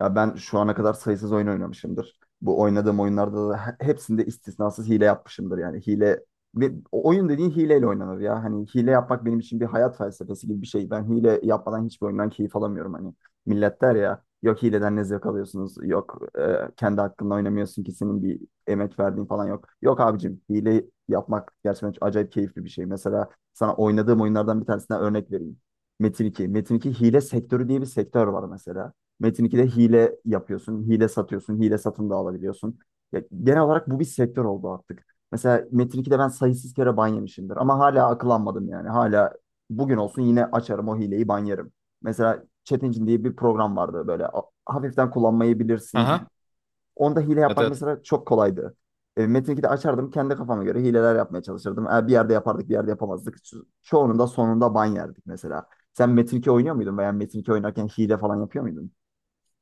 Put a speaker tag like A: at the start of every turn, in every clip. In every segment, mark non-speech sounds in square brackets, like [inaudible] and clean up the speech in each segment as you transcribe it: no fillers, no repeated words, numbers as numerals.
A: Ya ben şu ana kadar sayısız oyun oynamışımdır. Bu oynadığım oyunlarda da hepsinde istisnasız hile yapmışımdır yani. Hile ve o oyun dediğin hileyle oynanır ya. Hani hile yapmak benim için bir hayat felsefesi gibi bir şey. Ben hile yapmadan hiçbir oyundan keyif alamıyorum hani. Millet der ya, yok hileden ne zevk alıyorsunuz? Yok kendi hakkında oynamıyorsun ki, senin bir emek verdiğin falan yok. Yok abicim, hile yapmak gerçekten çok acayip keyifli bir şey. Mesela sana oynadığım oyunlardan bir tanesinden örnek vereyim. Metin 2. Metin 2 hile sektörü diye bir sektör var mesela. Metin 2'de hile yapıyorsun, hile satıyorsun, hile satın da alabiliyorsun. Ya, genel olarak bu bir sektör oldu artık. Mesela Metin 2'de ben sayısız kere ban yemişimdir ama hala akıllanmadım yani. Hala bugün olsun yine açarım o hileyi, ban yerim. Mesela Chat Engine diye bir program vardı, böyle hafiften kullanmayı
B: Aha.
A: bilirsin. Onda hile
B: Evet
A: yapmak
B: evet.
A: mesela çok kolaydı. Metin 2'de açardım, kendi kafama göre hileler yapmaya çalışırdım. Bir yerde yapardık, bir yerde yapamazdık. Çoğunun da sonunda ban yerdik mesela. Sen Metin 2 oynuyor muydun veya Metin 2 oynarken hile falan yapıyor muydun?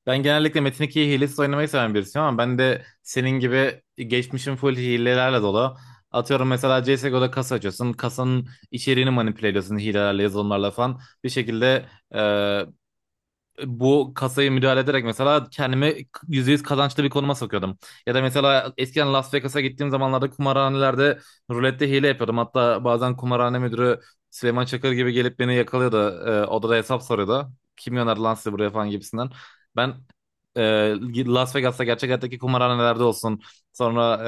B: Ben genellikle Metin 2'yi hilesiz oynamayı seven birisiyim ama ben de senin gibi geçmişim full hilelerle dolu. Atıyorum mesela CSGO'da kasa açıyorsun. Kasanın içeriğini manipüle ediyorsun hilelerle, yazılımlarla falan. Bir şekilde bu kasayı müdahale ederek mesela kendimi %100 kazançlı bir konuma sokuyordum. Ya da mesela eskiden Las Vegas'a gittiğim zamanlarda kumarhanelerde rulette hile yapıyordum. Hatta bazen kumarhane müdürü Süleyman Çakır gibi gelip beni yakalıyordu. Odada hesap soruyordu. Kim gönderdi lan sizi buraya falan gibisinden. Ben e, Las Vegas'ta gerçek hayattaki kumarhanelerde olsun. Sonra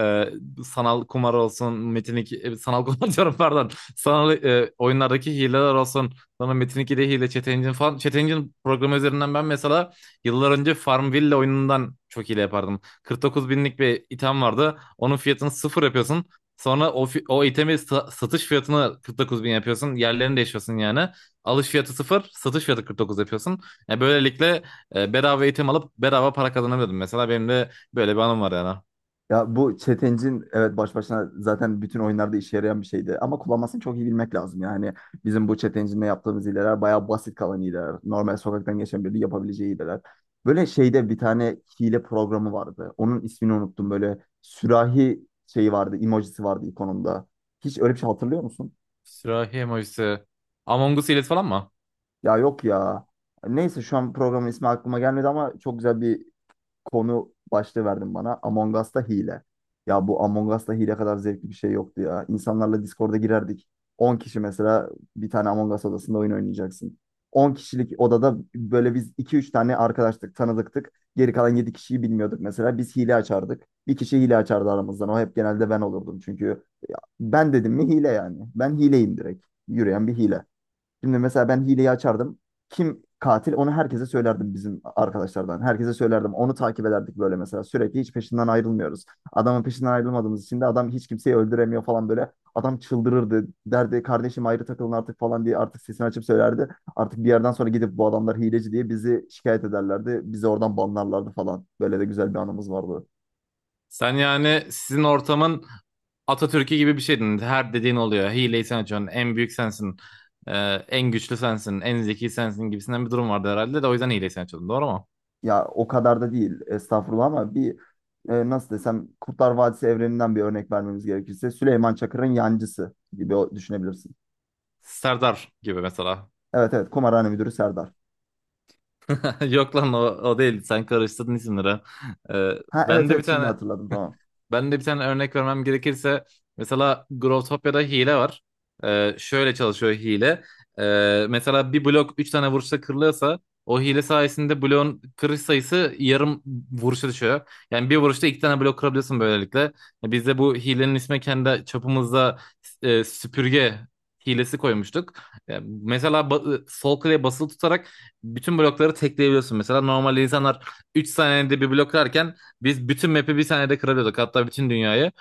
B: sanal kumar olsun. Metinik sanal [laughs] kumar diyorum, pardon. Sanal oyunlardaki hileler olsun. Sonra Metin 2'de hile, Chat Engine falan. Chat Engine programı üzerinden ben mesela yıllar önce Farmville oyunundan çok hile yapardım. 49 binlik bir item vardı. Onun fiyatını sıfır yapıyorsun. Sonra o itemi satış fiyatını 49 bin yapıyorsun. Yerlerini değişiyorsun yani. Alış fiyatı sıfır, satış fiyatı 49 yapıyorsun. Yani böylelikle bedava item alıp bedava para kazanabiliyordum. Mesela benim de böyle bir anım var yani.
A: Ya bu çetencin evet baş başına zaten bütün oyunlarda işe yarayan bir şeydi. Ama kullanmasını çok iyi bilmek lazım. Yani bizim bu çetencinle yaptığımız hileler bayağı basit kalan hileler. Normal sokaktan geçen biri yapabileceği hileler. Böyle şeyde bir tane hile programı vardı. Onun ismini unuttum. Böyle sürahi şeyi vardı, emojisi vardı ikonunda. Hiç öyle bir şey hatırlıyor musun?
B: Sürahi emojisi. Among Us hilesi falan mı?
A: Ya yok ya. Neyse, şu an programın ismi aklıma gelmedi ama çok güzel bir konu başlığı verdin bana. Among Us'ta hile. Ya bu Among Us'ta hile kadar zevkli bir şey yoktu ya. İnsanlarla Discord'a girerdik. 10 kişi mesela bir tane Among Us odasında oyun oynayacaksın. 10 kişilik odada böyle biz iki üç tane arkadaştık, tanıdıktık. Geri kalan 7 kişiyi bilmiyorduk mesela. Biz hile açardık. Bir kişi hile açardı aramızdan. O hep genelde ben olurdum çünkü. Ben dedim mi hile yani. Ben hileyim direkt. Yürüyen bir hile. Şimdi mesela ben hileyi açardım. Kim katil onu herkese söylerdim bizim arkadaşlardan. Herkese söylerdim. Onu takip ederdik böyle mesela. Sürekli hiç peşinden ayrılmıyoruz. Adamın peşinden ayrılmadığımız için de adam hiç kimseyi öldüremiyor falan böyle. Adam çıldırırdı. Derdi kardeşim ayrı takılın artık falan diye, artık sesini açıp söylerdi. Artık bir yerden sonra gidip bu adamlar hileci diye bizi şikayet ederlerdi. Bizi oradan banlarlardı falan. Böyle de güzel bir anımız vardı.
B: Sen yani sizin ortamın Atatürk'ü gibi bir şeydin. Her dediğin oluyor. Hileyi sen açıyorsun. En büyük sensin. Ee, En güçlü sensin. En zeki sensin gibisinden bir durum vardı herhalde de o yüzden hileyi sen açıyordun. Doğru mu?
A: Ya o kadar da değil, estağfurullah, ama bir, nasıl desem, Kurtlar Vadisi evreninden bir örnek vermemiz gerekirse, Süleyman Çakır'ın yancısı gibi düşünebilirsin.
B: Serdar gibi mesela.
A: Evet evet, kumarhane müdürü Serdar.
B: [laughs] Yok lan o, o değil. Sen karıştırdın isimleri. Ee,
A: Ha evet
B: ben de bir
A: evet, şimdi
B: tane
A: hatırladım, tamam.
B: Ben de bir tane örnek vermem gerekirse mesela Growtopia'da hile var. Şöyle çalışıyor hile. Mesela bir blok 3 tane vuruşta kırılıyorsa o hile sayesinde bloğun kırış sayısı yarım vuruşa düşüyor. Yani bir vuruşta iki tane blok kırabiliyorsun böylelikle. Ya, biz de bu hilenin ismi kendi çapımızda süpürge hilesi koymuştuk. Yani mesela sol klavye basılı tutarak bütün blokları tekleyebiliyorsun. Mesela normal insanlar 3 saniyede bir blok kırarken biz bütün map'i bir saniyede kırabiliyorduk. Hatta bütün dünyayı.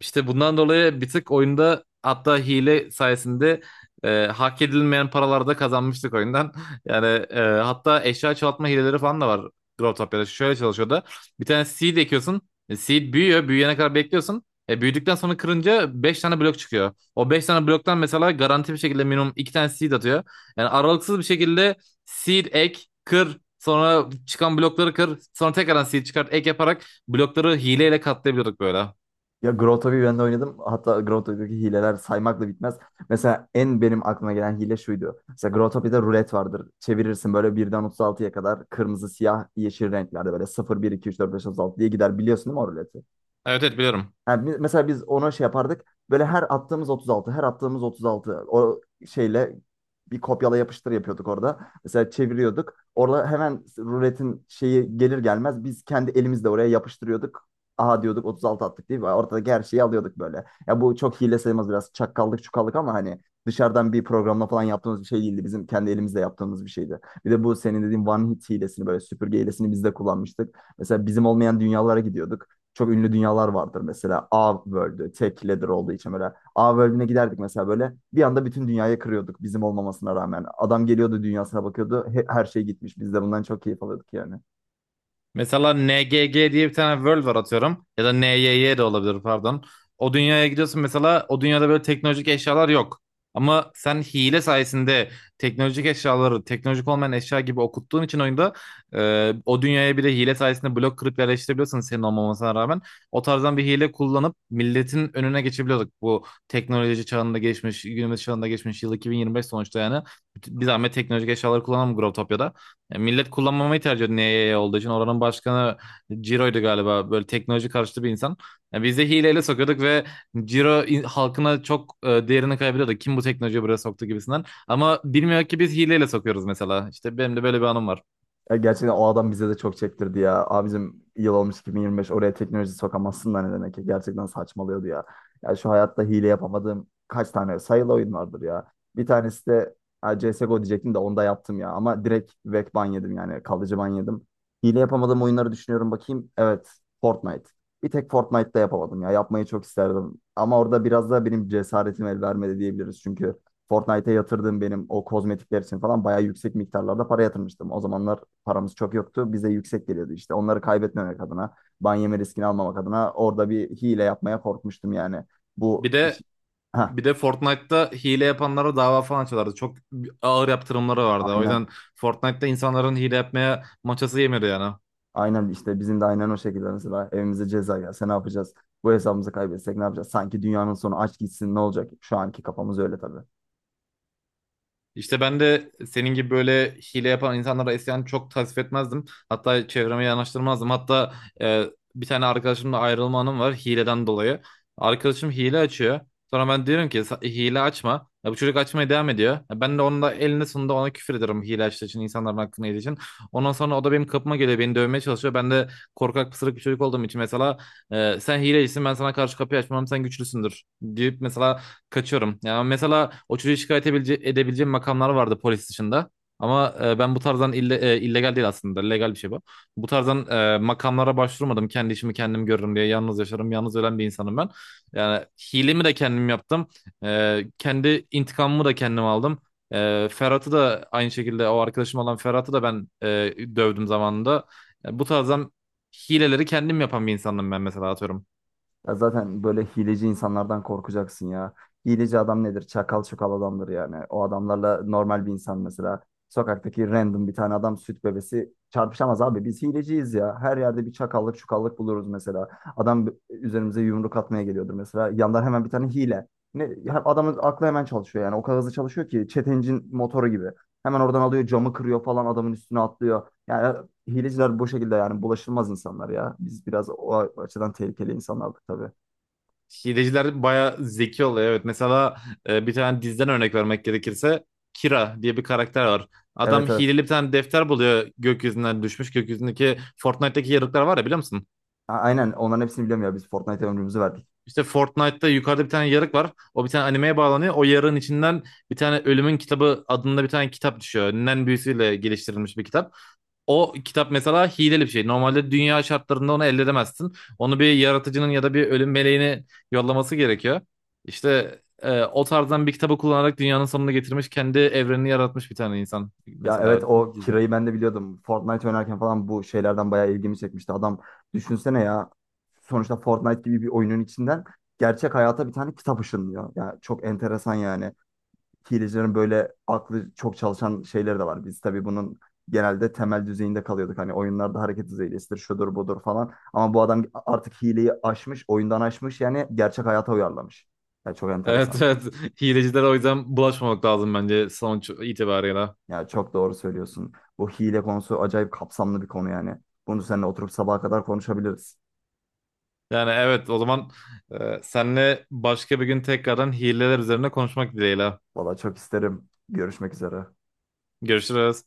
B: İşte bundan dolayı bir tık oyunda hatta hile sayesinde hak edilmeyen paralarda kazanmıştık oyundan. [laughs] Yani hatta eşya çoğaltma hileleri falan da var, drop top yarışı. Şöyle çalışıyor da, bir tane seed ekiyorsun. Seed büyüyor. Büyüyene kadar bekliyorsun. Büyüdükten sonra kırınca 5 tane blok çıkıyor. O 5 tane bloktan mesela garanti bir şekilde minimum 2 tane seed atıyor. Yani aralıksız bir şekilde seed ek, kır, sonra çıkan blokları kır, sonra tekrardan seed çıkart, ek yaparak blokları hileyle katlayabiliyorduk böyle.
A: Ya Grotto'yu ben de oynadım. Hatta Grotto'daki hileler saymakla bitmez. Mesela en benim aklıma gelen hile şuydu. Mesela Grotto'da rulet vardır. Çevirirsin böyle birden 36'ya kadar, kırmızı, siyah, yeşil renklerde, böyle 0, 1, 2, 3, 4, 5, 36 diye gider, biliyorsun değil mi o ruleti?
B: Evet evet, biliyorum.
A: Yani mesela biz ona şey yapardık. Böyle her attığımız 36, her attığımız 36 o şeyle bir kopyala yapıştır yapıyorduk orada. Mesela çeviriyorduk. Orada hemen ruletin şeyi gelir gelmez biz kendi elimizle oraya yapıştırıyorduk. Aha diyorduk, 36 attık değil mi? Ortadaki her şeyi alıyorduk böyle. Ya bu çok hile sayılmaz, biraz çakkallık çukallık, ama hani dışarıdan bir programla falan yaptığımız bir şey değildi. Bizim kendi elimizle yaptığımız bir şeydi. Bir de bu senin dediğin one hit hilesini, böyle süpürge hilesini biz de kullanmıştık. Mesela bizim olmayan dünyalara gidiyorduk. Çok ünlü dünyalar vardır mesela. A World'ü tek leader olduğu için böyle. A World'üne giderdik mesela, böyle. Bir anda bütün dünyayı kırıyorduk bizim olmamasına rağmen. Adam geliyordu, dünyasına bakıyordu. Her şey gitmiş. Biz de bundan çok keyif alıyorduk yani.
B: Mesela NGG diye bir tane world var atıyorum. Ya da NYY de olabilir, pardon. O dünyaya gidiyorsun mesela, o dünyada böyle teknolojik eşyalar yok. Ama sen hile sayesinde teknolojik eşyaları teknolojik olmayan eşya gibi okuttuğun için oyunda o dünyaya bile hile sayesinde blok kırıp yerleştirebiliyorsun senin olmamasına rağmen. O tarzdan bir hile kullanıp milletin önüne geçebiliyorduk. Bu teknoloji çağında geçmiş, günümüz çağında geçmiş, yıl 2025 sonuçta yani. Bir zahmet teknolojik eşyaları kullanalım Growtopia'da. Ya millet kullanmamayı tercih ediyor NYY olduğu için. Oranın başkanı Ciro'ydu galiba. Böyle teknoloji karşıtı bir insan. Ya biz de hileyle sokuyorduk ve Ciro halkına çok değerini kaybediyordu. Kim bu teknolojiyi buraya soktu gibisinden. Ama bilmiyor ki biz hileyle sokuyoruz mesela. İşte benim de böyle bir anım var.
A: Ya gerçekten o adam bize de çok çektirdi ya. Abicim yıl olmuş 2025, oraya teknoloji sokamazsın da ne demek ya. Gerçekten saçmalıyordu ya. Ya şu hayatta hile yapamadığım kaç tane sayılı oyun vardır ya. Bir tanesi de ha, CSGO diyecektim de onda yaptım ya. Ama direkt vek ban yedim, yani kalıcı ban yedim. Hile yapamadığım oyunları düşünüyorum bakayım. Evet, Fortnite. Bir tek Fortnite'da yapamadım ya. Yapmayı çok isterdim. Ama orada biraz da benim cesaretim el vermedi diyebiliriz. Çünkü Fortnite'e yatırdığım, benim o kozmetikler için falan bayağı yüksek miktarlarda para yatırmıştım. O zamanlar paramız çok yoktu. Bize yüksek geliyordu işte. Onları kaybetmemek adına, ban yeme riskini almamak adına orada bir hile yapmaya korkmuştum yani. Bu
B: Bir de
A: hiç- ha,
B: bir de Fortnite'ta hile yapanlara dava falan açıyorlardı. Çok ağır yaptırımları vardı. O
A: aynen,
B: yüzden Fortnite'ta insanların hile yapmaya maçası yemiyordu yani.
A: aynen, işte bizim de aynen o şekilde, mesela evimize ceza gelse ne yapacağız? Bu hesabımızı kaybetsek ne yapacağız? Sanki dünyanın sonu, aç gitsin ne olacak? Şu anki kafamız öyle tabii.
B: İşte ben de senin gibi böyle hile yapan insanlara isyan, çok tasvip etmezdim. Hatta çevreme yanaştırmazdım. Hatta e, bir tane arkadaşımla ayrılma anım var hileden dolayı. Arkadaşım hile açıyor. Sonra ben diyorum ki, Hile açma." Ya bu çocuk açmaya devam ediyor. Ya, ben de onun da elinde sonunda ona küfür ederim hile açtığı için, insanların hakkını yediği için. Ondan sonra o da benim kapıma geliyor, beni dövmeye çalışıyor. Ben de korkak, pısırık bir çocuk olduğum için mesela sen hilecisin, ben sana karşı kapıyı açmam, sen güçlüsündür deyip mesela kaçıyorum. Ya mesela o çocuğu edebileceğim makamlar vardı polis dışında. Ama ben bu tarzdan illegal değil aslında. Legal bir şey bu. Bu tarzdan makamlara başvurmadım. Kendi işimi kendim görürüm diye. Yalnız yaşarım. Yalnız ölen bir insanım ben. Yani hilemi de kendim yaptım. Kendi intikamımı da kendim aldım. Ferhat'ı da aynı şekilde, o arkadaşım olan Ferhat'ı da ben dövdüm zamanında. Yani bu tarzdan hileleri kendim yapan bir insanım ben mesela, atıyorum.
A: Ya zaten böyle hileci insanlardan korkacaksın ya. Hileci adam nedir? Çakal çakal adamdır yani. O adamlarla normal bir insan mesela. Sokaktaki random bir tane adam, süt bebesi çarpışamaz abi. Biz hileciyiz ya. Her yerde bir çakallık çukallık buluruz mesela. Üzerimize yumruk atmaya geliyordur mesela. Yandan hemen bir tane hile. Ne, ya adamın aklı hemen çalışıyor yani. O kadar hızlı çalışıyor ki çetencin motoru gibi. Hemen oradan alıyor, camı kırıyor falan, adamın üstüne atlıyor. Yani hileciler bu şekilde yani, bulaşılmaz insanlar ya. Biz biraz o açıdan tehlikeli insanlardık tabii.
B: Hileciler bayağı zeki oluyor, evet. Mesela bir tane diziden örnek vermek gerekirse, Kira diye bir karakter var. Adam
A: Evet evet.
B: hileli bir tane defter buluyor, gökyüzünden düşmüş. Gökyüzündeki Fortnite'daki yarıklar var ya, biliyor musun?
A: Aynen, onların hepsini biliyorum ya, biz Fortnite'e ömrümüzü verdik.
B: İşte Fortnite'da yukarıda bir tane yarık var. O bir tane animeye bağlanıyor. O yarığın içinden bir tane Ölümün Kitabı adında bir tane kitap düşüyor. Nen büyüsüyle geliştirilmiş bir kitap. O kitap mesela hileli bir şey. Normalde dünya şartlarında onu elde edemezsin. Onu bir yaratıcının ya da bir ölüm meleğini yollaması gerekiyor. İşte o tarzdan bir kitabı kullanarak dünyanın sonunu getirmiş, kendi evrenini yaratmış bir tane insan
A: Ya
B: mesela
A: evet, o
B: dizi. [laughs]
A: Kira'yı ben de biliyordum. Fortnite oynarken falan bu şeylerden bayağı ilgimi çekmişti. Adam, düşünsene ya, sonuçta Fortnite gibi bir oyunun içinden gerçek hayata bir tane kitap ışınlıyor. Ya çok enteresan yani. Hilecilerin böyle aklı çok çalışan şeyleri de var. Biz tabii bunun genelde temel düzeyinde kalıyorduk. Hani oyunlarda hareket düzeylesidir, şudur budur falan. Ama bu adam artık hileyi aşmış, oyundan aşmış yani, gerçek hayata uyarlamış. Yani çok
B: Evet
A: enteresan.
B: evet. Hilecilere o yüzden bulaşmamak lazım bence sonuç itibarıyla.
A: Yani çok doğru söylüyorsun. Bu hile konusu acayip kapsamlı bir konu yani. Bunu seninle oturup sabaha kadar konuşabiliriz.
B: Yani evet, o zaman senle başka bir gün tekrardan hileler üzerine konuşmak dileğiyle.
A: Valla çok isterim. Görüşmek üzere.
B: Görüşürüz.